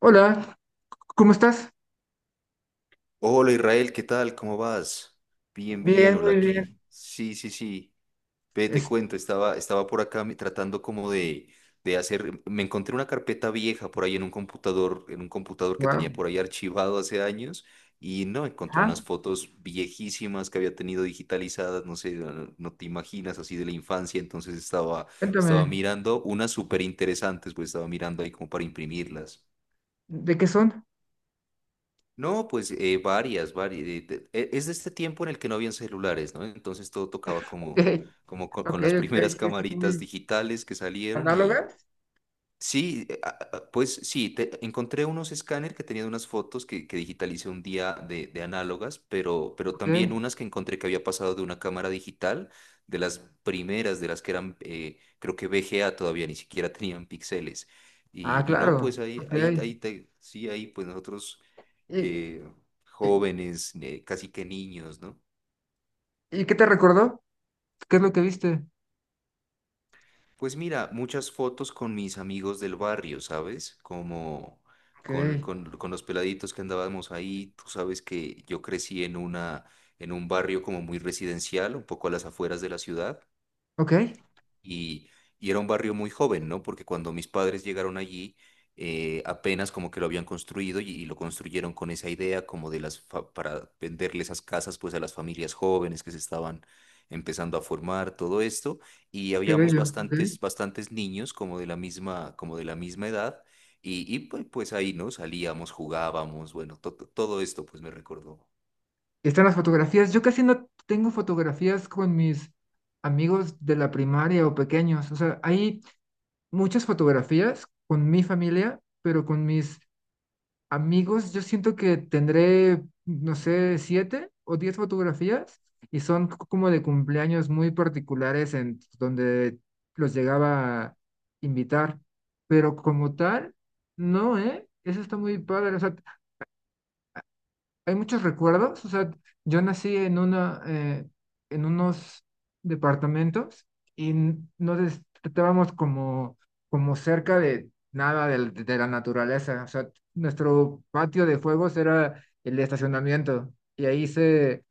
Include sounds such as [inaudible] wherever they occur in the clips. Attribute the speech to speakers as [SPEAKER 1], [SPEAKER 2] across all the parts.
[SPEAKER 1] Hola, ¿cómo estás?
[SPEAKER 2] Hola Israel, ¿qué tal? ¿Cómo vas? Bien, bien,
[SPEAKER 1] Bien,
[SPEAKER 2] hola
[SPEAKER 1] muy bien.
[SPEAKER 2] aquí. Sí, sí, sí. Ve, te
[SPEAKER 1] Es,
[SPEAKER 2] cuento, estaba por acá tratando como de hacer, me encontré una carpeta vieja por ahí en un computador que
[SPEAKER 1] wow.
[SPEAKER 2] tenía por ahí archivado hace años y no, encontré
[SPEAKER 1] Ah,
[SPEAKER 2] unas fotos viejísimas que había tenido digitalizadas, no sé, no te imaginas, así de la infancia, estaba
[SPEAKER 1] cuéntame,
[SPEAKER 2] mirando unas súper interesantes, pues estaba mirando ahí como para imprimirlas.
[SPEAKER 1] ¿de qué son?
[SPEAKER 2] No, pues varias. Es de este tiempo en el que no habían celulares, ¿no? Entonces todo tocaba como,
[SPEAKER 1] [laughs]
[SPEAKER 2] como con,
[SPEAKER 1] Ok, ok,
[SPEAKER 2] las [laughs]
[SPEAKER 1] ok,
[SPEAKER 2] primeras
[SPEAKER 1] sí, sí,
[SPEAKER 2] camaritas
[SPEAKER 1] muy
[SPEAKER 2] digitales que salieron y
[SPEAKER 1] análogas.
[SPEAKER 2] sí, pues sí, encontré unos escáner que tenían unas fotos que digitalicé un día de análogas, pero también
[SPEAKER 1] Ok,
[SPEAKER 2] unas que encontré que había pasado de una cámara digital, de las primeras, de las que eran, creo que VGA todavía ni siquiera [laughs] tenían píxeles.
[SPEAKER 1] ah,
[SPEAKER 2] Y no, pues
[SPEAKER 1] claro, ok.
[SPEAKER 2] ahí, pues nosotros
[SPEAKER 1] ¿Y,
[SPEAKER 2] eh,
[SPEAKER 1] y,
[SPEAKER 2] jóvenes, casi que niños, ¿no?
[SPEAKER 1] y qué te recordó? ¿Qué es lo que viste?
[SPEAKER 2] Pues mira, muchas fotos con mis amigos del barrio, ¿sabes? Como
[SPEAKER 1] Ok,
[SPEAKER 2] con los peladitos que andábamos ahí. Tú sabes que yo crecí en en un barrio como muy residencial, un poco a las afueras de la ciudad.
[SPEAKER 1] ok,
[SPEAKER 2] Y, y era un barrio muy joven, ¿no? Porque cuando mis padres llegaron allí, apenas como que lo habían construido y lo construyeron con esa idea como de las, para venderle esas casas pues a las familias jóvenes que se estaban empezando a formar, todo esto. Y
[SPEAKER 1] qué
[SPEAKER 2] habíamos
[SPEAKER 1] bello, ok.
[SPEAKER 2] bastantes, bastantes niños como de la misma, como de la misma edad. Y pues, pues ahí, ¿no? Salíamos, jugábamos, bueno, todo esto pues me recordó. [laughs]
[SPEAKER 1] Y están las fotografías. Yo casi no tengo fotografías con mis amigos de la primaria o pequeños. O sea, hay muchas fotografías con mi familia, pero con mis amigos, yo siento que tendré, no sé, 7 o 10 fotografías y son como de cumpleaños muy particulares en donde los llegaba a invitar, pero como tal, no, ¿eh? Eso está muy padre. O sea, hay muchos recuerdos. O sea, yo nací en una, en unos departamentos y no estábamos como, como cerca de nada de la naturaleza. O sea, nuestro patio de juegos era el estacionamiento y ahí se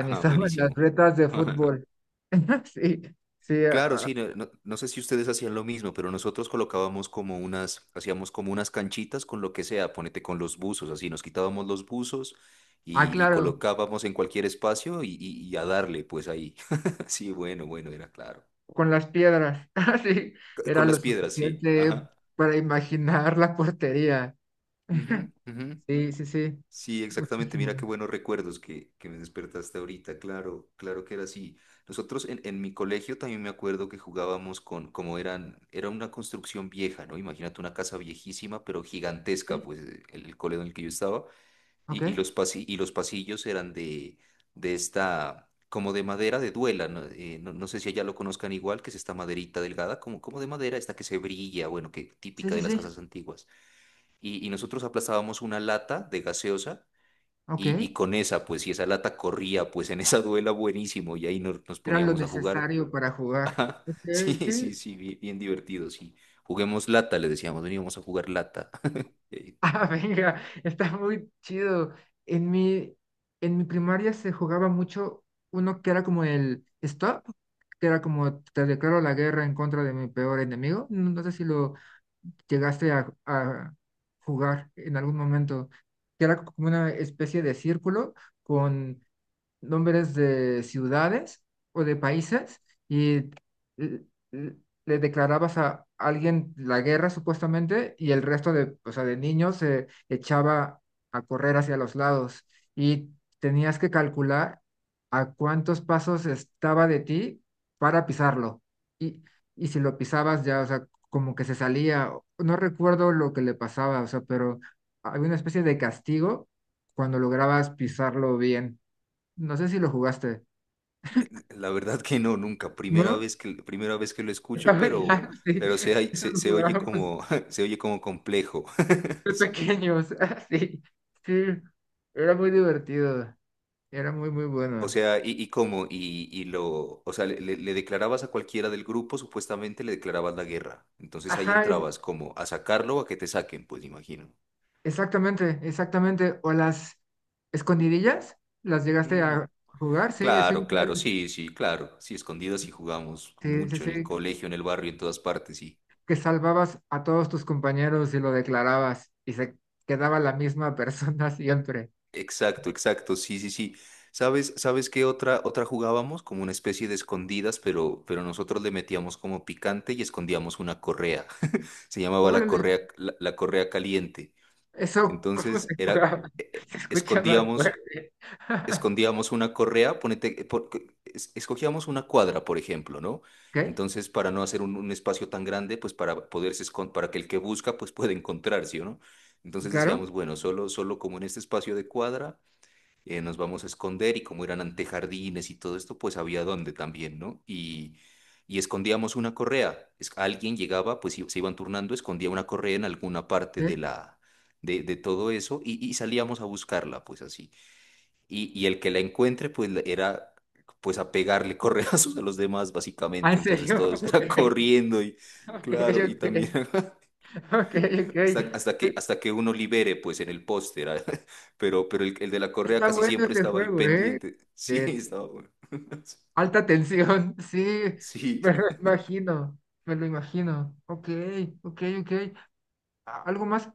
[SPEAKER 2] Ah,
[SPEAKER 1] [laughs] las
[SPEAKER 2] buenísimo.
[SPEAKER 1] retas de
[SPEAKER 2] [laughs]
[SPEAKER 1] fútbol. [laughs] Sí, sí,
[SPEAKER 2] Claro,
[SPEAKER 1] ah,
[SPEAKER 2] sí, no sé si ustedes hacían lo mismo, pero nosotros colocábamos como unas, hacíamos como unas canchitas con lo que sea, ponete con los buzos, así nos quitábamos los buzos
[SPEAKER 1] ah,
[SPEAKER 2] y
[SPEAKER 1] claro,
[SPEAKER 2] colocábamos en cualquier espacio y a darle, pues ahí. [laughs] Sí, bueno, bueno, era claro.
[SPEAKER 1] con las piedras. [laughs] Sí, era
[SPEAKER 2] Con
[SPEAKER 1] lo
[SPEAKER 2] las piedras, sí.
[SPEAKER 1] suficiente
[SPEAKER 2] Ajá.
[SPEAKER 1] para imaginar la portería.
[SPEAKER 2] Ujú,
[SPEAKER 1] [laughs]
[SPEAKER 2] ujú.
[SPEAKER 1] Sí, sí, sí.
[SPEAKER 2] Sí, exactamente.
[SPEAKER 1] Muchísimo.
[SPEAKER 2] Mira qué buenos recuerdos que me despertaste ahorita. Claro, claro que era así. Nosotros en mi colegio también me acuerdo que jugábamos con, como eran, era una construcción vieja, ¿no? Imagínate una casa viejísima, pero gigantesca,
[SPEAKER 1] Ok,
[SPEAKER 2] pues el colegio en el que yo estaba.
[SPEAKER 1] ok.
[SPEAKER 2] Y los pasillos eran de esta, como de madera de duela, ¿no? No sé si allá lo conozcan igual, que es esta maderita delgada, como, como de madera, esta que se brilla, bueno, que
[SPEAKER 1] Sí,
[SPEAKER 2] típica
[SPEAKER 1] sí,
[SPEAKER 2] de las
[SPEAKER 1] sí.
[SPEAKER 2] casas antiguas. Y nosotros aplastábamos una lata de gaseosa
[SPEAKER 1] Ok.
[SPEAKER 2] y con esa, pues, y esa lata corría, pues en esa duela buenísimo, y ahí nos
[SPEAKER 1] Era lo
[SPEAKER 2] poníamos a jugar.
[SPEAKER 1] necesario para
[SPEAKER 2] [laughs]
[SPEAKER 1] jugar.
[SPEAKER 2] Ajá,
[SPEAKER 1] Ok,
[SPEAKER 2] sí,
[SPEAKER 1] sí.
[SPEAKER 2] sí, sí, bien, bien divertido, sí. Juguemos lata, le decíamos, veníamos a jugar lata. [laughs] Eh,
[SPEAKER 1] Ah, [laughs] venga, está muy chido. En mi, en mi primaria se jugaba mucho uno que era como el stop, que era como te declaro la guerra en contra de mi peor enemigo. No, no sé si lo llegaste a jugar en algún momento, que era como una especie de círculo con nombres de ciudades o de países y l- l- le declarabas a alguien la guerra supuestamente y el resto de, o sea, de niños se echaba a correr hacia los lados y tenías que calcular a cuántos pasos estaba de ti para pisarlo. Y, y si lo pisabas ya, o sea, como que se salía, no recuerdo lo que le pasaba, o sea, pero había una especie de castigo cuando lograbas pisarlo bien. No sé si lo jugaste.
[SPEAKER 2] La verdad que no, nunca.
[SPEAKER 1] ¿No?
[SPEAKER 2] Primera vez que lo
[SPEAKER 1] [laughs] Está
[SPEAKER 2] escucho,
[SPEAKER 1] muy raro, sí.
[SPEAKER 2] pero
[SPEAKER 1] Eso
[SPEAKER 2] se,
[SPEAKER 1] lo
[SPEAKER 2] se oye
[SPEAKER 1] jugábamos
[SPEAKER 2] como, [laughs] se oye como complejo.
[SPEAKER 1] de
[SPEAKER 2] [laughs]
[SPEAKER 1] pequeños, [laughs] sí. Sí, era muy divertido, era muy, muy
[SPEAKER 2] O
[SPEAKER 1] bueno.
[SPEAKER 2] sea, y cómo, y lo, o sea, le declarabas a cualquiera del grupo, supuestamente le declarabas la guerra. Entonces ahí
[SPEAKER 1] Ajá,
[SPEAKER 2] entrabas como a sacarlo o a que te saquen, pues imagino.
[SPEAKER 1] exactamente, exactamente. O las escondidillas, las llegaste
[SPEAKER 2] Ujú.
[SPEAKER 1] a jugar, sí, eso
[SPEAKER 2] Claro,
[SPEAKER 1] igual,
[SPEAKER 2] claro, sí, sí, claro. Sí, escondidas sí jugamos
[SPEAKER 1] sí, sí,
[SPEAKER 2] mucho en el
[SPEAKER 1] sí,
[SPEAKER 2] colegio, en el barrio, en todas partes, sí.
[SPEAKER 1] que salvabas a todos tus compañeros y lo declarabas y se quedaba la misma [laughs] persona siempre.
[SPEAKER 2] Exacto, exacto, sí, sí, sí. ¿Sabes, sabes qué otra, otra jugábamos? Como una especie de escondidas, pero nosotros le metíamos como picante y escondíamos una correa. [laughs] Se llamaba la
[SPEAKER 1] Órale,
[SPEAKER 2] correa, la correa caliente.
[SPEAKER 1] eso, ¿cómo
[SPEAKER 2] Entonces
[SPEAKER 1] se
[SPEAKER 2] era,
[SPEAKER 1] jugaba?
[SPEAKER 2] eh,
[SPEAKER 1] [laughs]
[SPEAKER 2] eh,
[SPEAKER 1] Se escucha más
[SPEAKER 2] escondíamos
[SPEAKER 1] fuerte. [laughs]
[SPEAKER 2] escondíamos una correa, ponete, escogíamos una cuadra, por ejemplo, ¿no?
[SPEAKER 1] ¿Qué?
[SPEAKER 2] Entonces, para no hacer un espacio tan grande, pues para para que el que busca, pues pueda encontrar, ¿sí o no? Entonces
[SPEAKER 1] ¿Claro?
[SPEAKER 2] decíamos, bueno, solo como en este espacio de cuadra, nos vamos a esconder y como eran antejardines y todo esto, pues había dónde también, ¿no? Y escondíamos una correa. Alguien llegaba, pues se iban turnando, escondía una correa en alguna parte de
[SPEAKER 1] ¿Sí?
[SPEAKER 2] de todo eso y salíamos a buscarla, pues así. Y el que la encuentre, era pues a pegarle [laughs] correazos a los demás,
[SPEAKER 1] Ah, ¿en
[SPEAKER 2] básicamente. Entonces
[SPEAKER 1] serio?
[SPEAKER 2] todos era [laughs]
[SPEAKER 1] [laughs]
[SPEAKER 2] corriendo y
[SPEAKER 1] Ok,
[SPEAKER 2] claro, y
[SPEAKER 1] ok,
[SPEAKER 2] también [laughs]
[SPEAKER 1] ok, ok, ok.
[SPEAKER 2] hasta que uno libere, pues en el poste era. [laughs] Pero el de la correa
[SPEAKER 1] Está
[SPEAKER 2] casi
[SPEAKER 1] bueno
[SPEAKER 2] siempre
[SPEAKER 1] este
[SPEAKER 2] estaba ahí
[SPEAKER 1] juego, ¿eh?
[SPEAKER 2] pendiente. [laughs] Sí,
[SPEAKER 1] De
[SPEAKER 2] estaba bueno. [laughs]
[SPEAKER 1] alta tensión, [laughs] sí,
[SPEAKER 2] Sí,
[SPEAKER 1] me lo imagino, me lo imagino. Ok, ok, ok. ¿Algo más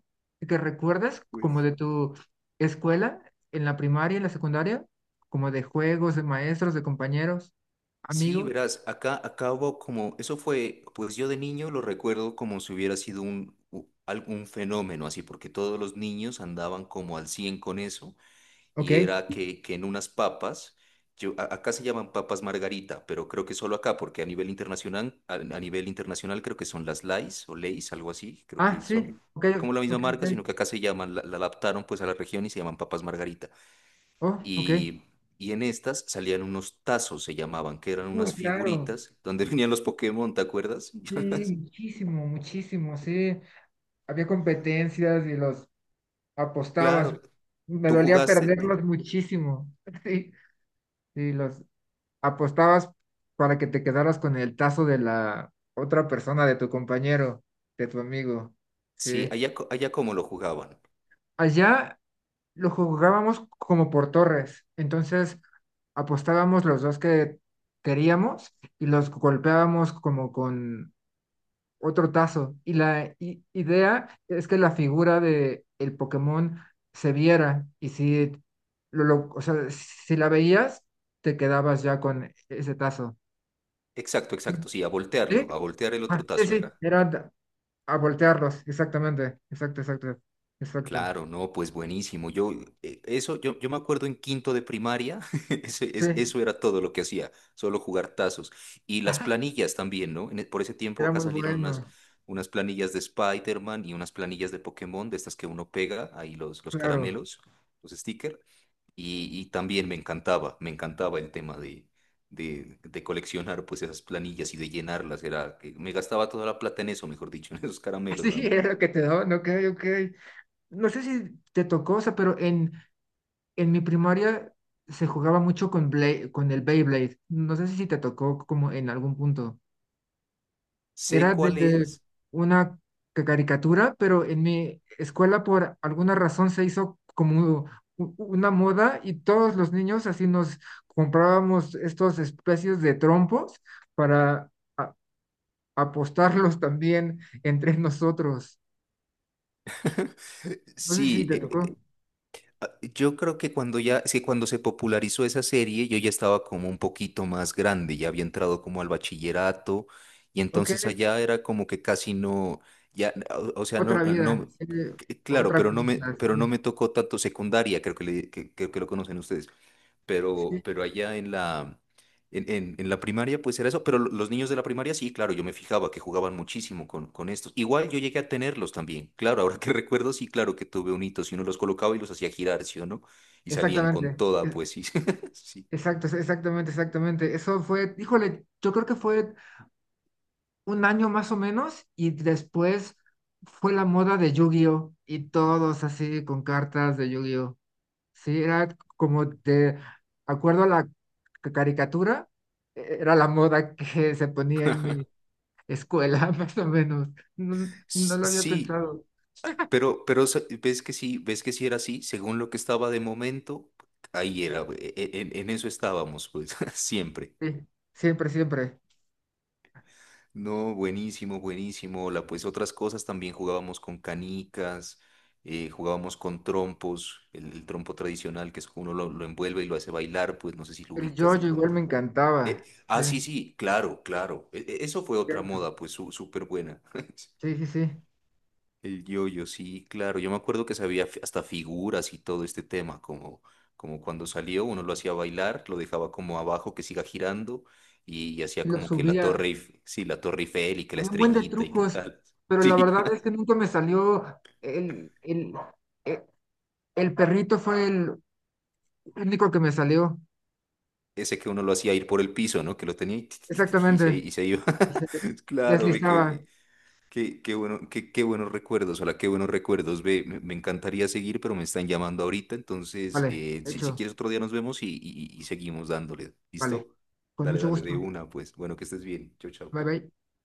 [SPEAKER 1] que recuerdas como
[SPEAKER 2] pues.
[SPEAKER 1] de tu escuela, en la primaria, en la secundaria? Como de juegos, de maestros, de compañeros,
[SPEAKER 2] Sí,
[SPEAKER 1] amigos.
[SPEAKER 2] verás, acá hubo como, eso fue, pues yo de niño lo recuerdo como si hubiera sido algún fenómeno así, porque todos los niños andaban como al 100 con eso. Y
[SPEAKER 1] Ok.
[SPEAKER 2] era que en unas papas, acá se llaman papas margarita, pero creo que solo acá, porque a nivel internacional, a nivel internacional creo que son las Lays o Lays, algo así, creo
[SPEAKER 1] Ah,
[SPEAKER 2] que son
[SPEAKER 1] sí, ok,
[SPEAKER 2] como la
[SPEAKER 1] ok,
[SPEAKER 2] misma
[SPEAKER 1] ok.
[SPEAKER 2] marca, sino que acá se llaman, la adaptaron pues a la región y se llaman papas margarita.
[SPEAKER 1] Oh, ok.
[SPEAKER 2] Y, y en estas salían unos tazos, se llamaban, que eran
[SPEAKER 1] Uy,
[SPEAKER 2] unas
[SPEAKER 1] claro.
[SPEAKER 2] figuritas donde [laughs] venían los Pokémon, ¿te acuerdas? [laughs]
[SPEAKER 1] Sí, muchísimo, muchísimo, sí. Había competencias y los apostabas.
[SPEAKER 2] Claro,
[SPEAKER 1] Me
[SPEAKER 2] ¿tú
[SPEAKER 1] dolía
[SPEAKER 2] jugaste?
[SPEAKER 1] perderlos
[SPEAKER 2] ¿Tú?
[SPEAKER 1] muchísimo. [laughs] Sí, sí, los apostabas para que te quedaras con el tazo de la otra persona, de tu compañero, de tu amigo.
[SPEAKER 2] Sí,
[SPEAKER 1] Sí.
[SPEAKER 2] allá, allá como lo jugaban.
[SPEAKER 1] Allá lo jugábamos como por torres. Entonces apostábamos los dos que queríamos y los golpeábamos como con otro tazo. Y la idea es que la figura de el Pokémon se viera y si o sea, si la veías, te quedabas ya con ese tazo.
[SPEAKER 2] Exacto, exacto, sí, a
[SPEAKER 1] ¿Sí?
[SPEAKER 2] voltearlo, a voltear el otro
[SPEAKER 1] Ah, sí,
[SPEAKER 2] tazo
[SPEAKER 1] sí,
[SPEAKER 2] era.
[SPEAKER 1] era a voltearlos, exactamente, exacto, exacto, exacto.
[SPEAKER 2] Claro, no, pues buenísimo. Yo me acuerdo en quinto de primaria, [laughs] eso,
[SPEAKER 1] Sí,
[SPEAKER 2] eso era todo lo que hacía, solo jugar tazos. Y las
[SPEAKER 1] [laughs]
[SPEAKER 2] planillas también, ¿no? Por ese tiempo
[SPEAKER 1] era
[SPEAKER 2] acá
[SPEAKER 1] muy
[SPEAKER 2] salieron
[SPEAKER 1] bueno,
[SPEAKER 2] unas planillas de Spider-Man y unas planillas de Pokémon, de estas que uno pega, ahí los
[SPEAKER 1] claro.
[SPEAKER 2] caramelos, los stickers. Y también me encantaba el tema de coleccionar pues esas planillas y de llenarlas. Era, que me gastaba toda la plata en eso, mejor dicho, [laughs] en esos
[SPEAKER 1] [laughs]
[SPEAKER 2] caramelos
[SPEAKER 1] Sí,
[SPEAKER 2] nada más.
[SPEAKER 1] era lo que te daban, ok, ok. No sé si te tocó, o sea, pero en mi primaria se jugaba mucho con, con el Beyblade. No sé si te tocó como en algún punto.
[SPEAKER 2] Sé
[SPEAKER 1] Era
[SPEAKER 2] cuál
[SPEAKER 1] de
[SPEAKER 2] es.
[SPEAKER 1] una caricatura, pero en mi escuela por alguna razón se hizo como una moda y todos los niños así nos comprábamos estos especies de trompos para a- apostarlos también entre nosotros.
[SPEAKER 2] [laughs]
[SPEAKER 1] No sé si
[SPEAKER 2] Sí,
[SPEAKER 1] te tocó.
[SPEAKER 2] yo creo que cuando ya, sí, cuando se popularizó esa serie, yo ya estaba como un poquito más grande, ya había entrado como al bachillerato y
[SPEAKER 1] Ok,
[SPEAKER 2] entonces allá era como que casi no, ya, ah, o sea, no,
[SPEAKER 1] otra
[SPEAKER 2] no,
[SPEAKER 1] vida,
[SPEAKER 2] no,
[SPEAKER 1] sí,
[SPEAKER 2] claro,
[SPEAKER 1] otra cosa,
[SPEAKER 2] pero no
[SPEAKER 1] sí,
[SPEAKER 2] me tocó tanto secundaria, creo que, que lo conocen ustedes
[SPEAKER 1] sí,
[SPEAKER 2] pero allá en en la primaria, pues era eso. Pero los niños de la primaria, sí, claro, yo me fijaba que jugaban muchísimo con estos. Igual yo llegué a tenerlos también. Claro, ahora que [laughs] recuerdo, sí, claro que tuve un hito, si uno los colocaba y los hacía girar, ¿sí o no? Y salían con
[SPEAKER 1] exactamente.
[SPEAKER 2] toda, pues sí. [laughs] Sí,
[SPEAKER 1] Exacto, exactamente, exactamente. Eso fue, híjole, yo creo que fue un año más o menos y después fue la moda de Yu-Gi-Oh y todos así con cartas de Yu-Gi-Oh. Sí, era como de acuerdo a la caricatura, era la moda que se ponía en mi escuela, [laughs] más o menos. No, no lo había
[SPEAKER 2] Sí,
[SPEAKER 1] pensado.
[SPEAKER 2] ves que sí, ves que sí era así, según lo que estaba de momento, ahí era, en eso estábamos, pues, [laughs] siempre.
[SPEAKER 1] Sí, siempre, siempre.
[SPEAKER 2] No, buenísimo, buenísimo. La, pues otras cosas también jugábamos con canicas, jugábamos con trompos, el trompo tradicional que es uno lo envuelve y lo hace bailar, pues no sé si lo
[SPEAKER 1] El yo
[SPEAKER 2] ubicas de
[SPEAKER 1] igual
[SPEAKER 2] pronto.
[SPEAKER 1] me
[SPEAKER 2] Eh,
[SPEAKER 1] encantaba. Sí,
[SPEAKER 2] sí, sí, claro, claro. Eso fue otra
[SPEAKER 1] cierto.
[SPEAKER 2] moda, pues súper buena. [laughs]
[SPEAKER 1] Sí, sí, sí.
[SPEAKER 2] El yoyo, sí, claro. Yo me acuerdo que hasta figuras y todo este tema, como, como cuando salió, uno lo hacía bailar, lo dejaba como abajo que siga girando y,
[SPEAKER 1] Y
[SPEAKER 2] hacía
[SPEAKER 1] lo
[SPEAKER 2] como que la
[SPEAKER 1] subía.
[SPEAKER 2] torre, la torre Eiffel y que la
[SPEAKER 1] Había un buen de
[SPEAKER 2] estrellita y qué
[SPEAKER 1] trucos,
[SPEAKER 2] tal. [laughs]
[SPEAKER 1] pero la
[SPEAKER 2] Sí,
[SPEAKER 1] verdad es que nunca me salió el, el, e- el perrito fue el único que me salió.
[SPEAKER 2] ese que uno lo hacía ir por el piso, ¿no? Que lo tenía y, [laughs] ti, ti, ti, ti,
[SPEAKER 1] Exactamente.
[SPEAKER 2] y se iba.
[SPEAKER 1] Y se
[SPEAKER 2] [laughs] Claro, ve
[SPEAKER 1] deslizaba.
[SPEAKER 2] que qué, qué bueno, qué buenos recuerdos, hola, qué buenos recuerdos. Ve, me encantaría seguir, pero me están llamando ahorita. Entonces,
[SPEAKER 1] Vale,
[SPEAKER 2] si
[SPEAKER 1] hecho.
[SPEAKER 2] quieres otro día nos vemos y seguimos dándole.
[SPEAKER 1] Vale.
[SPEAKER 2] ¿Listo?
[SPEAKER 1] Con
[SPEAKER 2] Dale,
[SPEAKER 1] mucho
[SPEAKER 2] dale, de
[SPEAKER 1] gusto.
[SPEAKER 2] una, pues. Bueno, que estés bien. Chau,
[SPEAKER 1] Bye
[SPEAKER 2] chau.
[SPEAKER 1] bye.